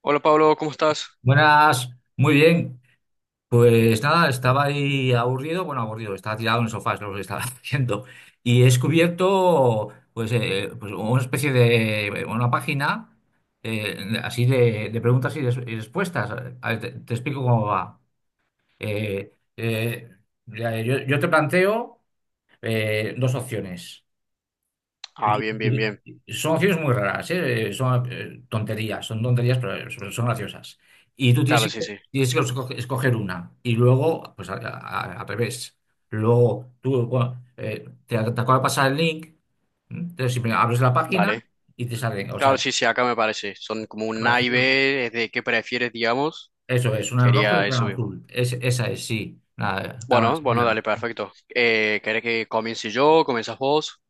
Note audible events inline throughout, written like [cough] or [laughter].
Hola Pablo, ¿cómo estás? Buenas, muy bien. Pues nada, estaba ahí aburrido, bueno, aburrido, estaba tirado en el sofá, es lo que estaba [laughs] haciendo. Y he descubierto, pues, pues una especie de, una página eh, así de preguntas y, y respuestas. A ver, te explico cómo va. Eh, eh, mira, yo te planteo dos opciones. Ah, Y- bien, bien, y- bien. y son acciones muy raras, ¿eh? Son tonterías, son tonterías, pero son graciosas. Y tú tienes Claro, que, sí, sí. tienes que escoger una. Y luego, pues al revés. Luego tú bueno, te acaba de pasar el link, ¿m? Entonces siempre abres la página Dale. y te salen. O Claro, sea, te sí, sí, acá me parece. Son como un A y bien. B, es de qué prefieres, digamos. Eso es, una en rojo y Sería otra en eso mismo. azul. Esa es, sí. Nada, cada Bueno, bueno, día. dale, perfecto. ¿Querés que comience yo? ¿Comienzas vos?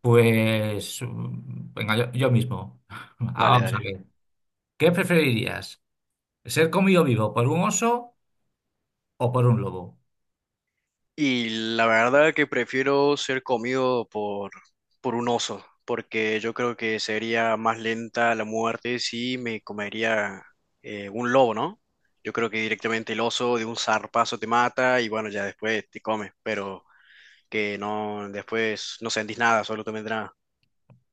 Pues venga, yo mismo. [laughs] Ah, Dale, vamos a dale. ver. ¿Qué preferirías? ¿Ser comido vivo por un oso o por un lobo? Y la verdad que prefiero ser comido por un oso, porque yo creo que sería más lenta la muerte si me comería un lobo, ¿no? Yo creo que directamente el oso de un zarpazo te mata y bueno, ya después te come, pero que no, después no sentís nada, solo te vendrá.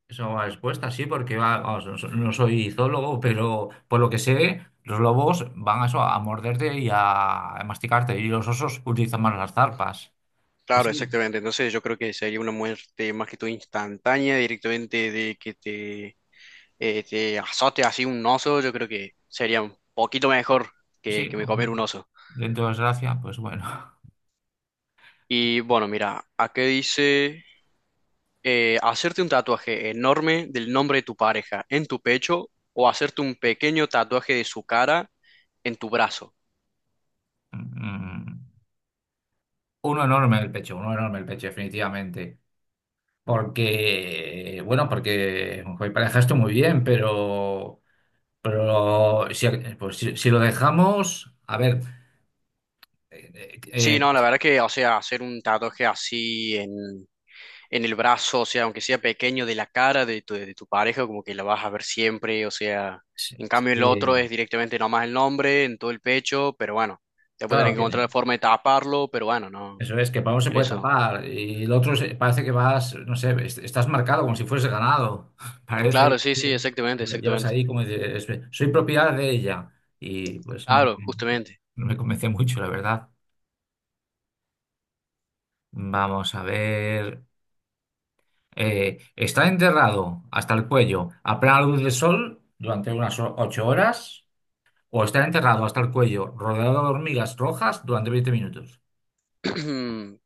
Eso va respuesta, sí, porque va, vamos, no, no soy zoólogo, pero por lo que sé, los lobos van a eso, a morderte y a masticarte, y los osos utilizan más las zarpas. Pues Claro, sí, exactamente. Entonces yo creo que sería una muerte más que todo instantánea, directamente de que te azote así un oso, yo creo que sería un poquito mejor sí, que me comer un oso. dentro de desgracia, pues bueno. Y bueno, mira, aquí dice hacerte un tatuaje enorme del nombre de tu pareja en tu pecho o hacerte un pequeño tatuaje de su cara en tu brazo. Mm. Uno enorme el pecho, uno enorme el pecho, definitivamente. Porque, bueno, porque joder, parejaste muy bien, pero, pero si, pues si lo dejamos, a ver. eh, Sí, eh, no, la verdad que, o sea, hacer un tatuaje así en el brazo, o sea, aunque sea pequeño, de la cara de de tu pareja, como que la vas a ver siempre, o sea, eh, en cambio el eh, otro eh, es directamente nomás el nombre, en todo el pecho, pero bueno, después tenés claro, que que encontrar la forma de taparlo, pero bueno, no, eso es, que Pablo se en puede eso. tapar y el otro parece que vas, no sé, estás marcado como si fuese ganado. [laughs] Parece Claro, sí, sí, que exactamente, lo llevas exactamente. ahí como dices, soy propiedad de ella. Y pues no, Claro, justamente. no me convence mucho, la verdad. Vamos a ver. Está enterrado hasta el cuello a plena luz del sol durante unas 8 horas o está enterrado hasta el cuello rodeado de hormigas rojas durante 20 minutos. [clears throat]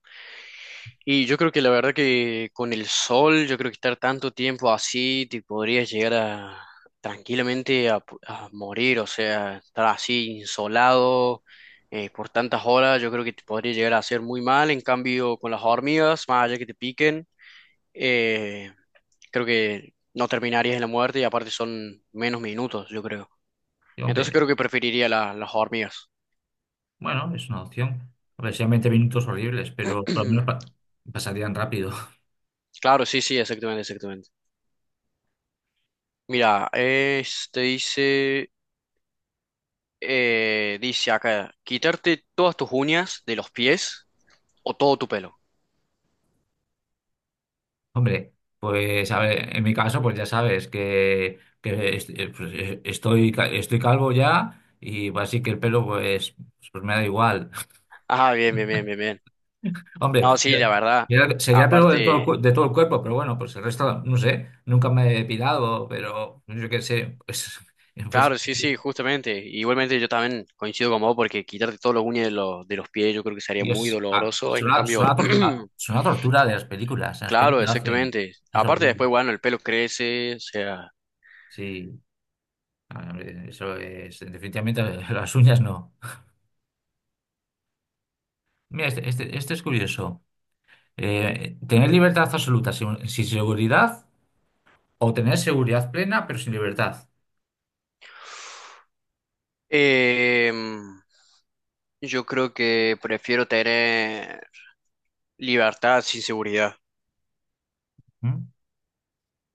Y yo creo que la verdad que con el sol, yo creo que estar tanto tiempo así, te podrías llegar a tranquilamente a morir, o sea, estar así insolado por tantas horas, yo creo que te podría llegar a hacer muy mal. En cambio, con las hormigas, más allá que te piquen, eh, creo que no terminarías en la muerte y aparte son menos minutos, yo creo. Y, Entonces hombre, creo que preferiría las hormigas. bueno, es una opción. A ver, sean 20 minutos horribles, pero por lo menos [clears throat] pasarían rápido. [laughs] Claro, sí, sí, exactamente, exactamente. Mira, este dice, dice acá, quitarte todas tus uñas de los pies o todo tu pelo. Hombre, pues a ver, en mi caso, pues ya sabes que pues, estoy calvo ya y pues, así que el pelo pues me da igual. Ah, bien, bien, bien, [laughs] bien, bien. No, Hombre, sí, la verdad. sería pelo de todo el, Aparte, cu- de todo el cuerpo, pero bueno, pues el resto, no sé, nunca me he depilado, pero yo qué sé, pues, [laughs] pues claro, sí, sí, justamente. Igualmente yo también coincido con vos porque quitarte todas las uñas de de los pies yo creo que sería muy Dios, ah, doloroso. En suena, cambio, suena, a tor- a- [clears throat] suena a tortura de las películas. En las claro, películas hacen. exactamente. Es Aparte horrible. después, bueno, el pelo crece, o sea... Sí, ah, hombre, eso es. Definitivamente [laughs] las uñas no. Mira, este es curioso. Tener libertad absoluta sin seguridad o tener seguridad plena pero sin libertad. Em, yo creo que prefiero tener libertad sin seguridad. ¿Mm?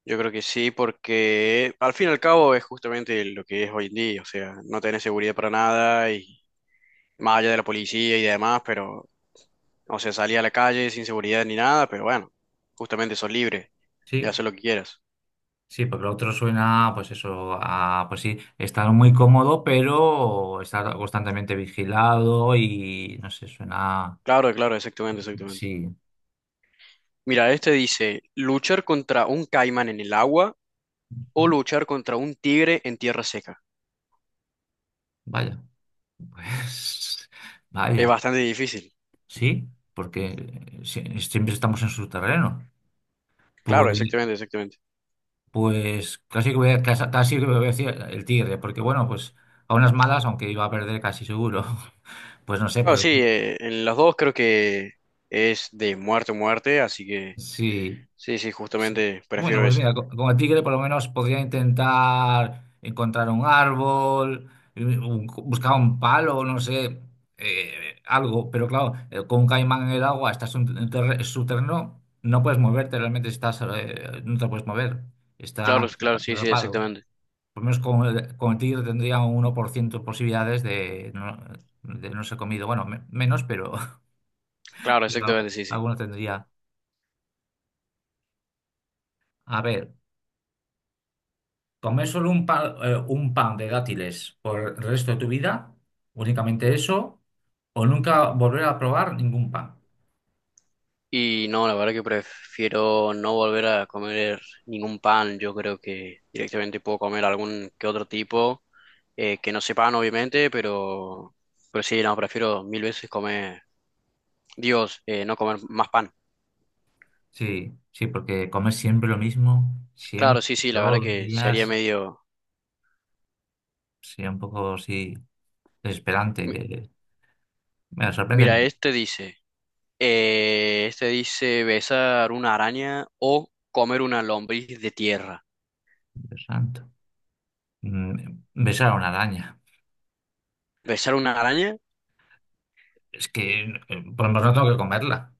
Yo creo que sí, porque al fin y al cabo es justamente lo que es hoy en día. O sea, no tenés seguridad para nada y más allá de la policía y demás, pero, o sea, salí a la calle sin seguridad ni nada, pero bueno, justamente sos libre de Sí, hacer lo que quieras. sí, porque lo otro suena, pues eso, a, pues sí, estar muy cómodo pero estar constantemente vigilado y no sé, suena. Claro, claro, exactamente, exactamente. Sí. Mira, este dice, luchar contra un caimán en el agua o ¿Mm? luchar contra un tigre en tierra seca. Vaya. Pues [laughs] Es vaya, bastante difícil. sí, porque siempre estamos en su terreno. Pues, Claro, exactamente, exactamente. pues casi que voy a decir el tigre, porque bueno, pues a unas malas, aunque iba a perder casi seguro. [laughs] Pues no sé, Claro, pues sí, en los dos creo que es de muerte a muerte, así que sí. sí, sí, Sí. justamente Bueno, prefiero pues eso. mira, como tigre por lo menos podría intentar encontrar un árbol, buscar un palo, no sé, algo, pero claro, con un caimán en el agua estás en un subterráneo, no puedes moverte, realmente estás, no te puedes mover, Claro, estás claro, sí, sí, atrapado. exactamente. Por lo menos con el tigre tendría un 1% de posibilidades de no ser comido, bueno, menos, pero [laughs] Claro, pero exactamente, sí, sí. alguna tendría. A ver. Comer solo un pan de dátiles por el resto de tu vida, únicamente eso, o nunca volver a probar ningún pan. Y no, la verdad que prefiero no volver a comer ningún pan. Yo creo que directamente puedo comer algún que otro tipo, que no sea pan, obviamente, pero sí, no, prefiero mil veces comer, Dios, no comer más pan. Sí, sí, porque comer siempre lo mismo, Claro, siempre, sí, sí, la verdad todos los que sería días, medio... sí, un poco sí, desesperante, que me sorprende. Mira, este dice, este dice besar una araña o comer una lombriz de tierra. Dios santo. Mm. Besar a una araña, ¿Besar una araña? es que pues no tengo que comerla.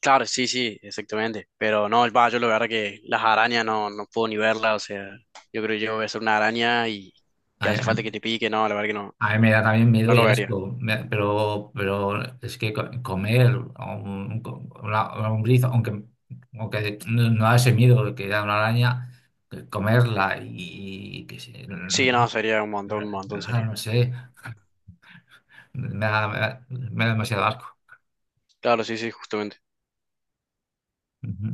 Claro, sí, sí, exactamente. Pero no, va, yo la verdad que las arañas no, no puedo ni verlas, o sea, yo creo que yo besar una araña y que hace falta que te pique, no, la verdad que no, A mí me da también no miedo y lo vería. asco, pero es que comer un una lombriz, aunque no da ese miedo que da una araña, que comerla y, que se- no, no- Sí, no no, sería un montón sería. sé, me da demasiado asco. Claro, sí, sí, justamente. Ujú.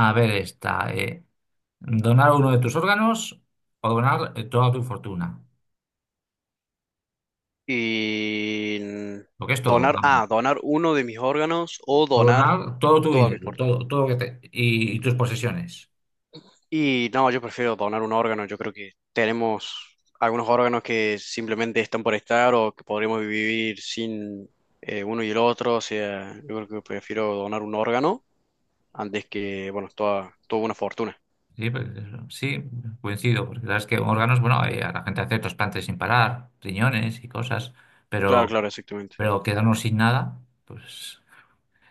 A ver esta, donar uno de tus órganos o donar toda tu fortuna, Y lo que es todo, donar, vamos. ah, donar uno de mis órganos o O donar donar todo tu toda mi mis... dinero, todo, todo lo que y tus posesiones. Y no, yo prefiero donar un órgano. Yo creo que tenemos algunos órganos que simplemente están por estar o que podríamos vivir sin uno y el otro. O sea, yo creo que prefiero donar un órgano antes que, bueno, toda, toda una fortuna. Sí, pues, eso, sí, coincido, porque sabes que órganos, bueno, a la gente hace trasplantes sin parar, riñones y cosas, Claro, pero, claro, exactamente. pero quedarnos sin nada, pues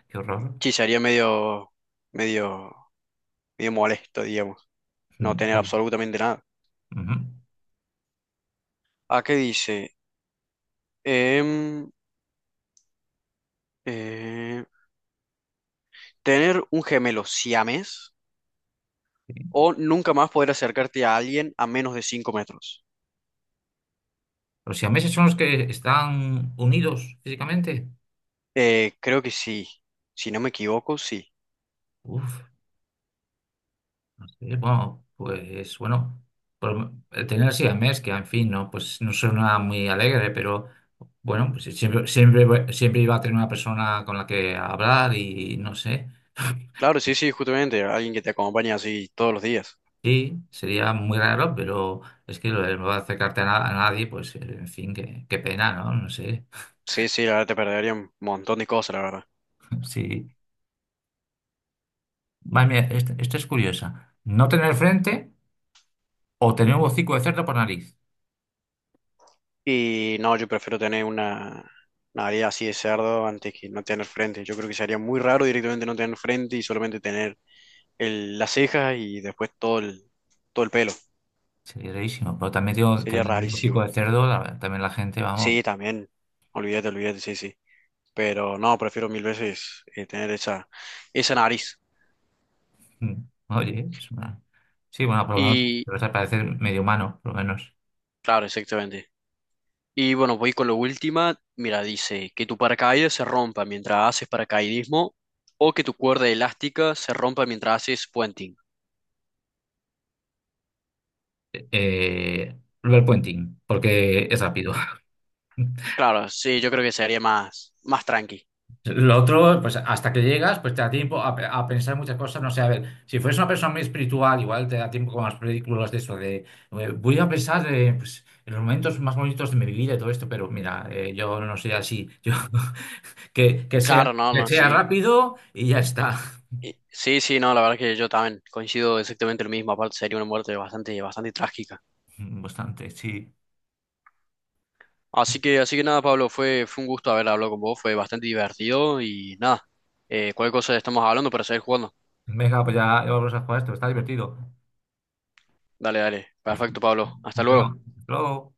qué horror. Sí, sería medio, medio, medio molesto, digamos, no Mm, tener sí. absolutamente nada. Ujú, ¿A qué dice? Em, eh, tener un gemelo siames sí. o nunca más poder acercarte a alguien a menos de 5 metros. Los siameses son los que están unidos físicamente. Creo que sí. Si no me equivoco, sí. Uf, no sé, bueno, pues bueno, el tener siamés, que en fin, no, pues no suena muy alegre, pero bueno, pues siempre, siempre, siempre iba a tener una persona con la que hablar y no sé. Claro, sí, sí, justamente. Alguien que te acompañe así todos los días. Sí, sería muy raro, pero es que lo de no acercarte a, a nadie, pues en fin, qué pena, ¿no? No sé. Sí, sí, la verdad te perdería un montón de cosas, la verdad. [laughs] Sí. Madre mía, esta es curiosa. No tener frente o tener un hocico de cerdo por nariz. Y no, yo prefiero tener una nariz así de cerdo antes que no tener frente. Yo creo que sería muy raro directamente no tener frente y solamente tener las cejas y después todo todo el pelo. Sería rarísimo. Pero también tengo Sería tener un hocico rarísimo. de cerdo, también la gente, vamos. Sí, también. Olvídate, olvídate, sí, sí. Pero no, prefiero mil veces tener esa, esa nariz. mm, Oye, es una. Sí, bueno, por lo menos Y te vas a parecer medio humano, por lo menos. claro, exactamente. Y bueno, voy con la última. Mira, dice que tu paracaídas se rompa mientras haces paracaidismo o que tu cuerda elástica se rompa mientras haces puenting. Lo puenting, porque es rápido. [laughs] Claro, sí, yo creo que sería más, más tranqui. Lo otro, pues hasta que llegas, pues te da tiempo a, a pensar muchas cosas. No sé, a ver, si fueras una persona muy espiritual, igual te da tiempo con las películas de eso, de voy a pensar pues, en los momentos más bonitos de mi vida y todo esto, pero mira, yo no soy así. Yo, [laughs] que, que sea, Claro, no, que no, sea sí. rápido y ya está. Sí, sí, no, la verdad que yo también coincido exactamente lo mismo. Aparte, sería una muerte bastante, bastante trágica. [laughs] Bastante, sí. Así que nada, Pablo, fue un gusto haber hablado con vos, fue bastante divertido y nada, cualquier cosa estamos hablando para seguir jugando. Venga, pues ya vamos a jugar esto, está divertido. Dale, dale. Perfecto, Pablo. Hasta luego. Venga, hasta luego.